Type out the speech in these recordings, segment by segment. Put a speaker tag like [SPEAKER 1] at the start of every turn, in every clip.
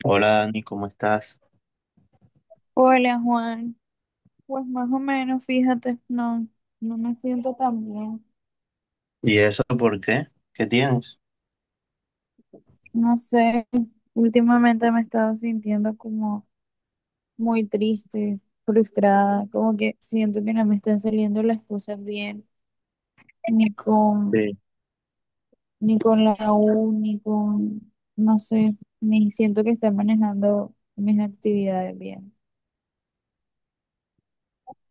[SPEAKER 1] Hola Dani, ¿cómo estás?
[SPEAKER 2] Hola Juan, pues más o menos, fíjate, no, no me siento tan bien.
[SPEAKER 1] ¿Y eso por qué? ¿Qué tienes?
[SPEAKER 2] No sé, últimamente me he estado sintiendo como muy triste, frustrada, como que siento que no me están saliendo las cosas bien, ni con,
[SPEAKER 1] Sí,
[SPEAKER 2] ni con la U, ni con, no sé, ni siento que esté manejando mis actividades bien.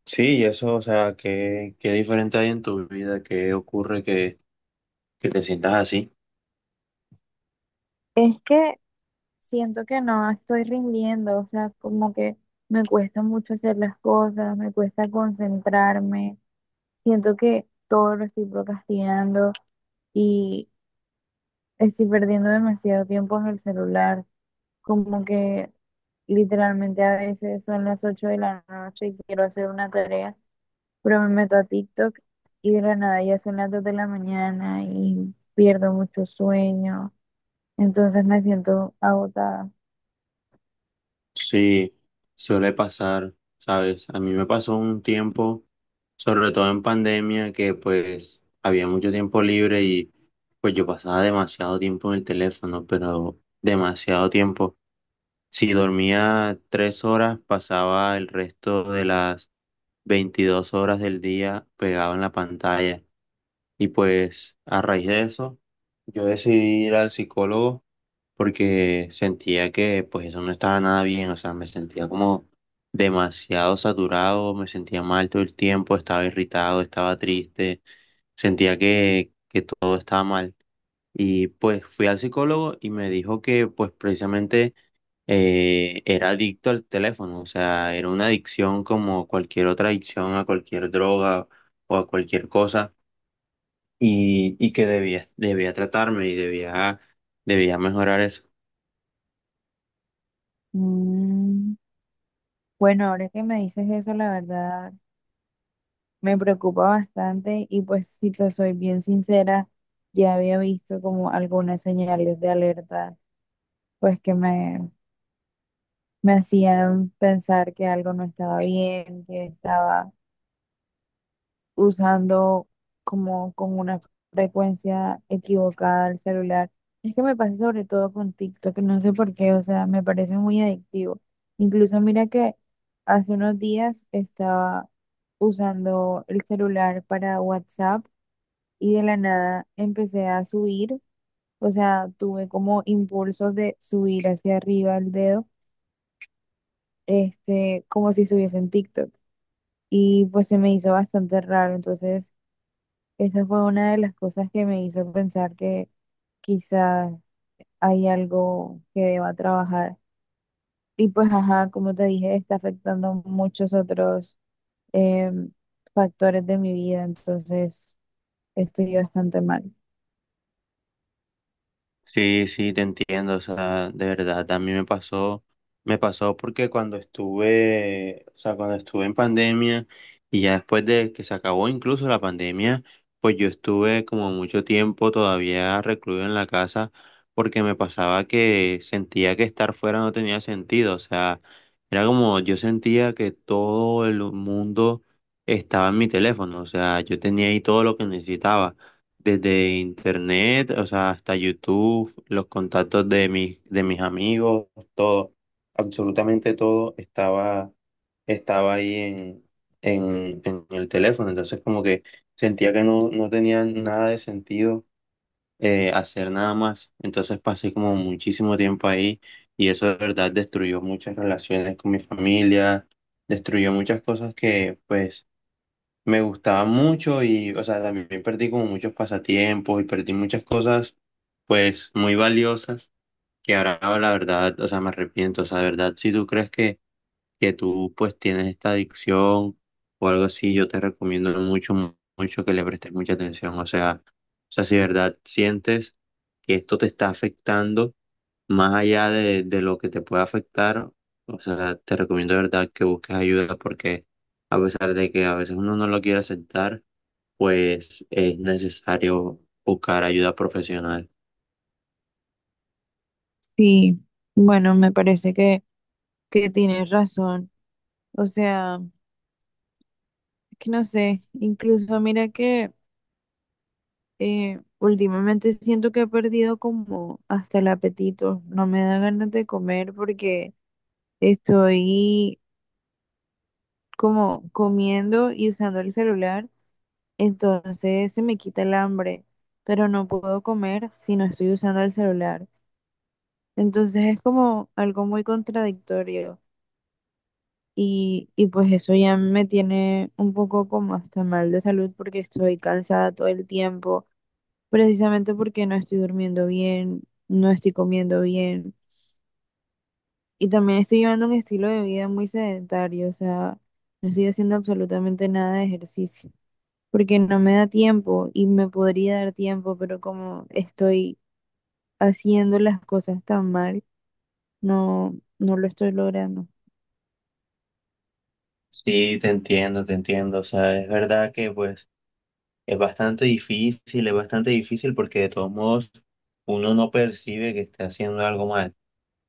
[SPEAKER 1] sí, y eso, o sea, ¿qué diferente hay en tu vida? ¿Qué ocurre que te sientas así?
[SPEAKER 2] Es que siento que no estoy rindiendo, o sea, como que me cuesta mucho hacer las cosas, me cuesta concentrarme, siento que todo lo estoy procrastinando y estoy perdiendo demasiado tiempo en el celular, como que literalmente a veces son las 8 de la noche y quiero hacer una tarea, pero me meto a TikTok y de la nada ya son las 2 de la mañana y pierdo mucho sueño, entonces me siento agotada.
[SPEAKER 1] Sí, suele pasar, ¿sabes? A mí me pasó un tiempo, sobre todo en pandemia, que pues había mucho tiempo libre y pues yo pasaba demasiado tiempo en el teléfono, pero demasiado tiempo. Si dormía 3 horas, pasaba el resto de las 22 horas del día pegado en la pantalla. Y pues a raíz de eso, yo decidí ir al psicólogo porque sentía que pues eso no estaba nada bien, o sea, me sentía como demasiado saturado, me sentía mal todo el tiempo, estaba irritado, estaba triste, sentía que todo estaba mal. Y pues fui al psicólogo y me dijo que pues precisamente era adicto al teléfono, o sea, era una adicción como cualquier otra adicción a cualquier droga o a cualquier cosa y que debía tratarme y debía mejorar eso.
[SPEAKER 2] Mm. Bueno, ahora que me dices eso, la verdad me preocupa bastante y pues si te soy bien sincera, ya había visto como algunas señales de alerta, pues que me, me hacían pensar que algo no estaba bien, que estaba usando como con una frecuencia equivocada el celular. Es que me pasa sobre todo con TikTok, no sé por qué, o sea, me parece muy adictivo. Incluso mira que hace unos días estaba usando el celular para WhatsApp y de la nada empecé a subir, o sea, tuve como impulsos de subir hacia arriba el dedo, como si estuviese en TikTok. Y pues se me hizo bastante raro, entonces esa fue una de las cosas que me hizo pensar que quizás hay algo que deba trabajar. Y pues, ajá, como te dije, está afectando muchos otros em, factores de mi vida, entonces estoy bastante mal.
[SPEAKER 1] Sí, sí, te entiendo, o sea, de verdad, también me pasó porque cuando estuve, o sea, cuando estuve en pandemia y ya después de que se acabó incluso la pandemia, pues yo estuve como mucho tiempo todavía recluido en la casa porque me pasaba que sentía que estar fuera no tenía sentido, o sea, era como yo sentía que todo el mundo estaba en mi teléfono, o sea, yo tenía ahí todo lo que necesitaba desde internet, o sea, hasta YouTube, los contactos de mis amigos, todo, absolutamente todo estaba ahí en el teléfono. Entonces como que sentía que no, no tenía nada de sentido hacer nada más. Entonces pasé como muchísimo tiempo ahí y eso de verdad destruyó muchas relaciones con mi familia, destruyó muchas cosas que pues me gustaba mucho y, o sea, también perdí como muchos pasatiempos y perdí muchas cosas, pues, muy valiosas, que ahora la verdad, o sea, me arrepiento, o sea, de verdad, si tú crees que tú, pues, tienes esta adicción o algo así, yo te recomiendo mucho, mucho que le prestes mucha atención, o sea, si de verdad sientes que esto te está afectando, más allá de lo que te pueda afectar, o sea, te recomiendo de verdad que busques ayuda porque a pesar de que a veces uno no lo quiere aceptar, pues es necesario buscar ayuda profesional.
[SPEAKER 2] Sí, bueno, que tienes razón. O sea, que no sé, incluso mira que últimamente siento que he perdido como hasta el apetito. No me da ganas de comer porque estoy como comiendo y usando el celular, entonces se me quita el hambre, pero no puedo comer si no estoy usando el celular. Entonces es como algo muy contradictorio y pues eso ya me tiene un poco como hasta mal de salud porque estoy cansada todo el tiempo, precisamente porque no estoy durmiendo bien, no estoy comiendo bien y también estoy llevando un estilo de vida muy sedentario, o sea, no estoy haciendo absolutamente nada de ejercicio, porque no me da tiempo y me podría dar tiempo, pero como estoy haciendo las cosas tan mal, no lo estoy logrando.
[SPEAKER 1] Sí, te entiendo, te entiendo. O sea, es verdad que pues es bastante difícil porque de todos modos uno no percibe que está haciendo algo mal.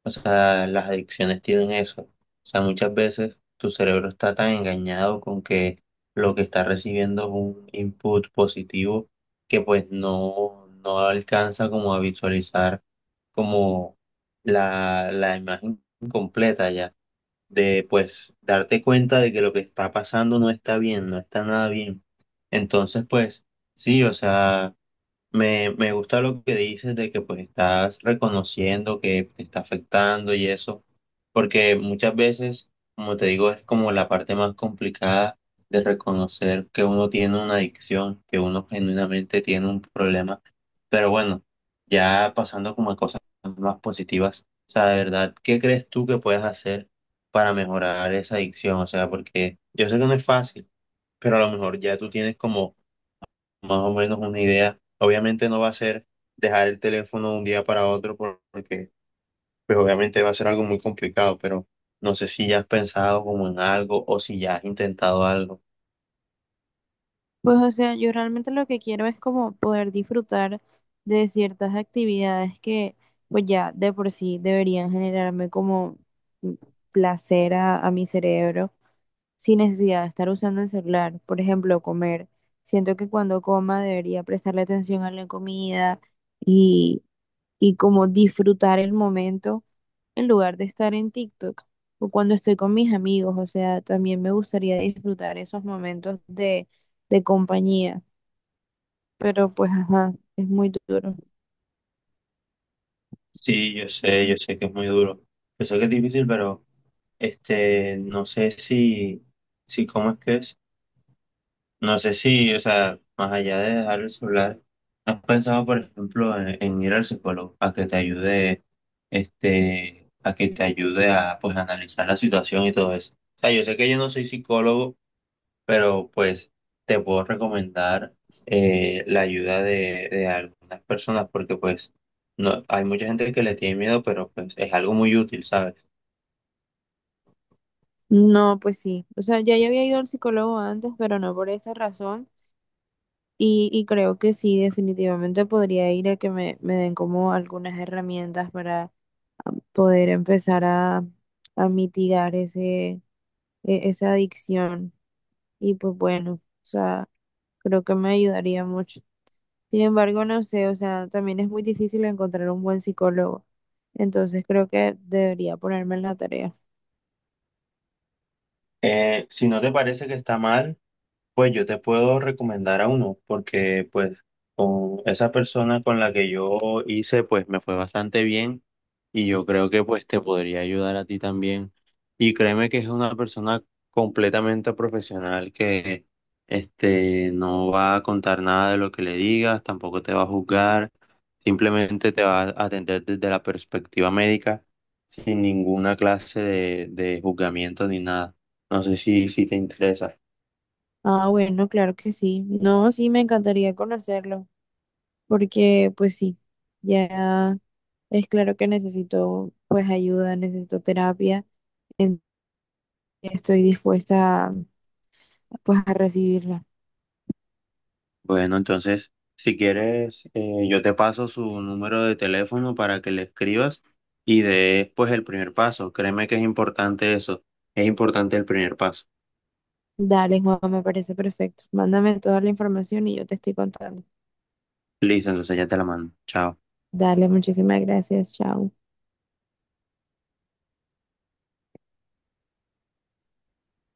[SPEAKER 1] O sea, las adicciones tienen eso. O sea, muchas veces tu cerebro está tan engañado con que lo que está recibiendo es un input positivo que pues no, no alcanza como a visualizar como la imagen completa ya, de pues darte cuenta de que lo que está pasando no está bien, no está nada bien. Entonces, pues sí, o sea... Me gusta lo que dices de que pues estás reconociendo que te está afectando y eso, porque muchas veces, como te digo, es como la parte más complicada de reconocer que uno tiene una adicción, que uno genuinamente tiene un problema. Pero bueno, ya pasando como a cosas más positivas, o sea, de verdad, ¿qué crees tú que puedes hacer para mejorar esa adicción? O sea, porque yo sé que no es fácil, pero a lo mejor ya tú tienes como más o menos una idea. Obviamente no va a ser dejar el teléfono de un día para otro porque pues obviamente va a ser algo muy complicado, pero no sé si ya has pensado como en algo o si ya has intentado algo.
[SPEAKER 2] Pues o sea, yo realmente lo que quiero es como poder disfrutar de ciertas actividades que pues ya de por sí deberían generarme como mm, placer a mi cerebro sin necesidad de estar usando el celular. Por ejemplo, comer. Siento que cuando coma debería prestarle atención a la comida y y como disfrutar el momento en lugar de estar en TikTok o cuando estoy con mis amigos. O sea, también me gustaría disfrutar esos momentos de compañía, pero pues ajá, es muy duro.
[SPEAKER 1] Sí, yo sé que es muy duro. Yo sé que es difícil, pero no sé si, si cómo es que es. No sé si, o sea, más allá de dejar el celular, ¿has pensado, por ejemplo, en ir al psicólogo a que te ayude, este, a que te ayude a, pues, analizar la situación y todo eso? O sea, yo sé que yo no soy psicólogo, pero pues te puedo recomendar la ayuda de algunas personas porque, pues, no, hay mucha gente que le tiene miedo, pero pues es algo muy útil, ¿sabes?
[SPEAKER 2] No, pues sí. O sea, ya yo había ido al psicólogo antes, pero no por esta razón. Y creo que sí, definitivamente podría ir a que me den como algunas herramientas para poder empezar a mitigar esa adicción. Y pues bueno, o sea, creo que me ayudaría mucho. Sin embargo, no sé, o sea, también es muy difícil encontrar un buen psicólogo. Entonces creo que debería ponerme en la tarea.
[SPEAKER 1] Si no te parece que está mal. Pues yo te puedo recomendar a uno, porque pues con esa persona con la que yo hice, pues me fue bastante bien y yo creo que pues te podría ayudar a ti también. Y créeme que es una persona completamente profesional que no va a contar nada de lo que le digas, tampoco te va a juzgar, simplemente te va a atender desde la perspectiva médica, sin ninguna clase de juzgamiento ni nada. No sé si, si te interesa.
[SPEAKER 2] Ah, bueno, claro que sí. No, sí, me encantaría conocerlo, porque pues sí, ya es claro que necesito pues ayuda, necesito terapia. en- Estoy dispuesta a, pues a recibirla.
[SPEAKER 1] Bueno, entonces, si quieres, yo te paso su número de teléfono para que le escribas y des pues el primer paso. Créeme que es importante eso. Es importante el primer paso.
[SPEAKER 2] Dale, Juan, me parece perfecto. Mándame toda la información y yo te estoy contando.
[SPEAKER 1] Listo, entonces ya te la mando. Chao.
[SPEAKER 2] Dale, muchísimas gracias. Chao.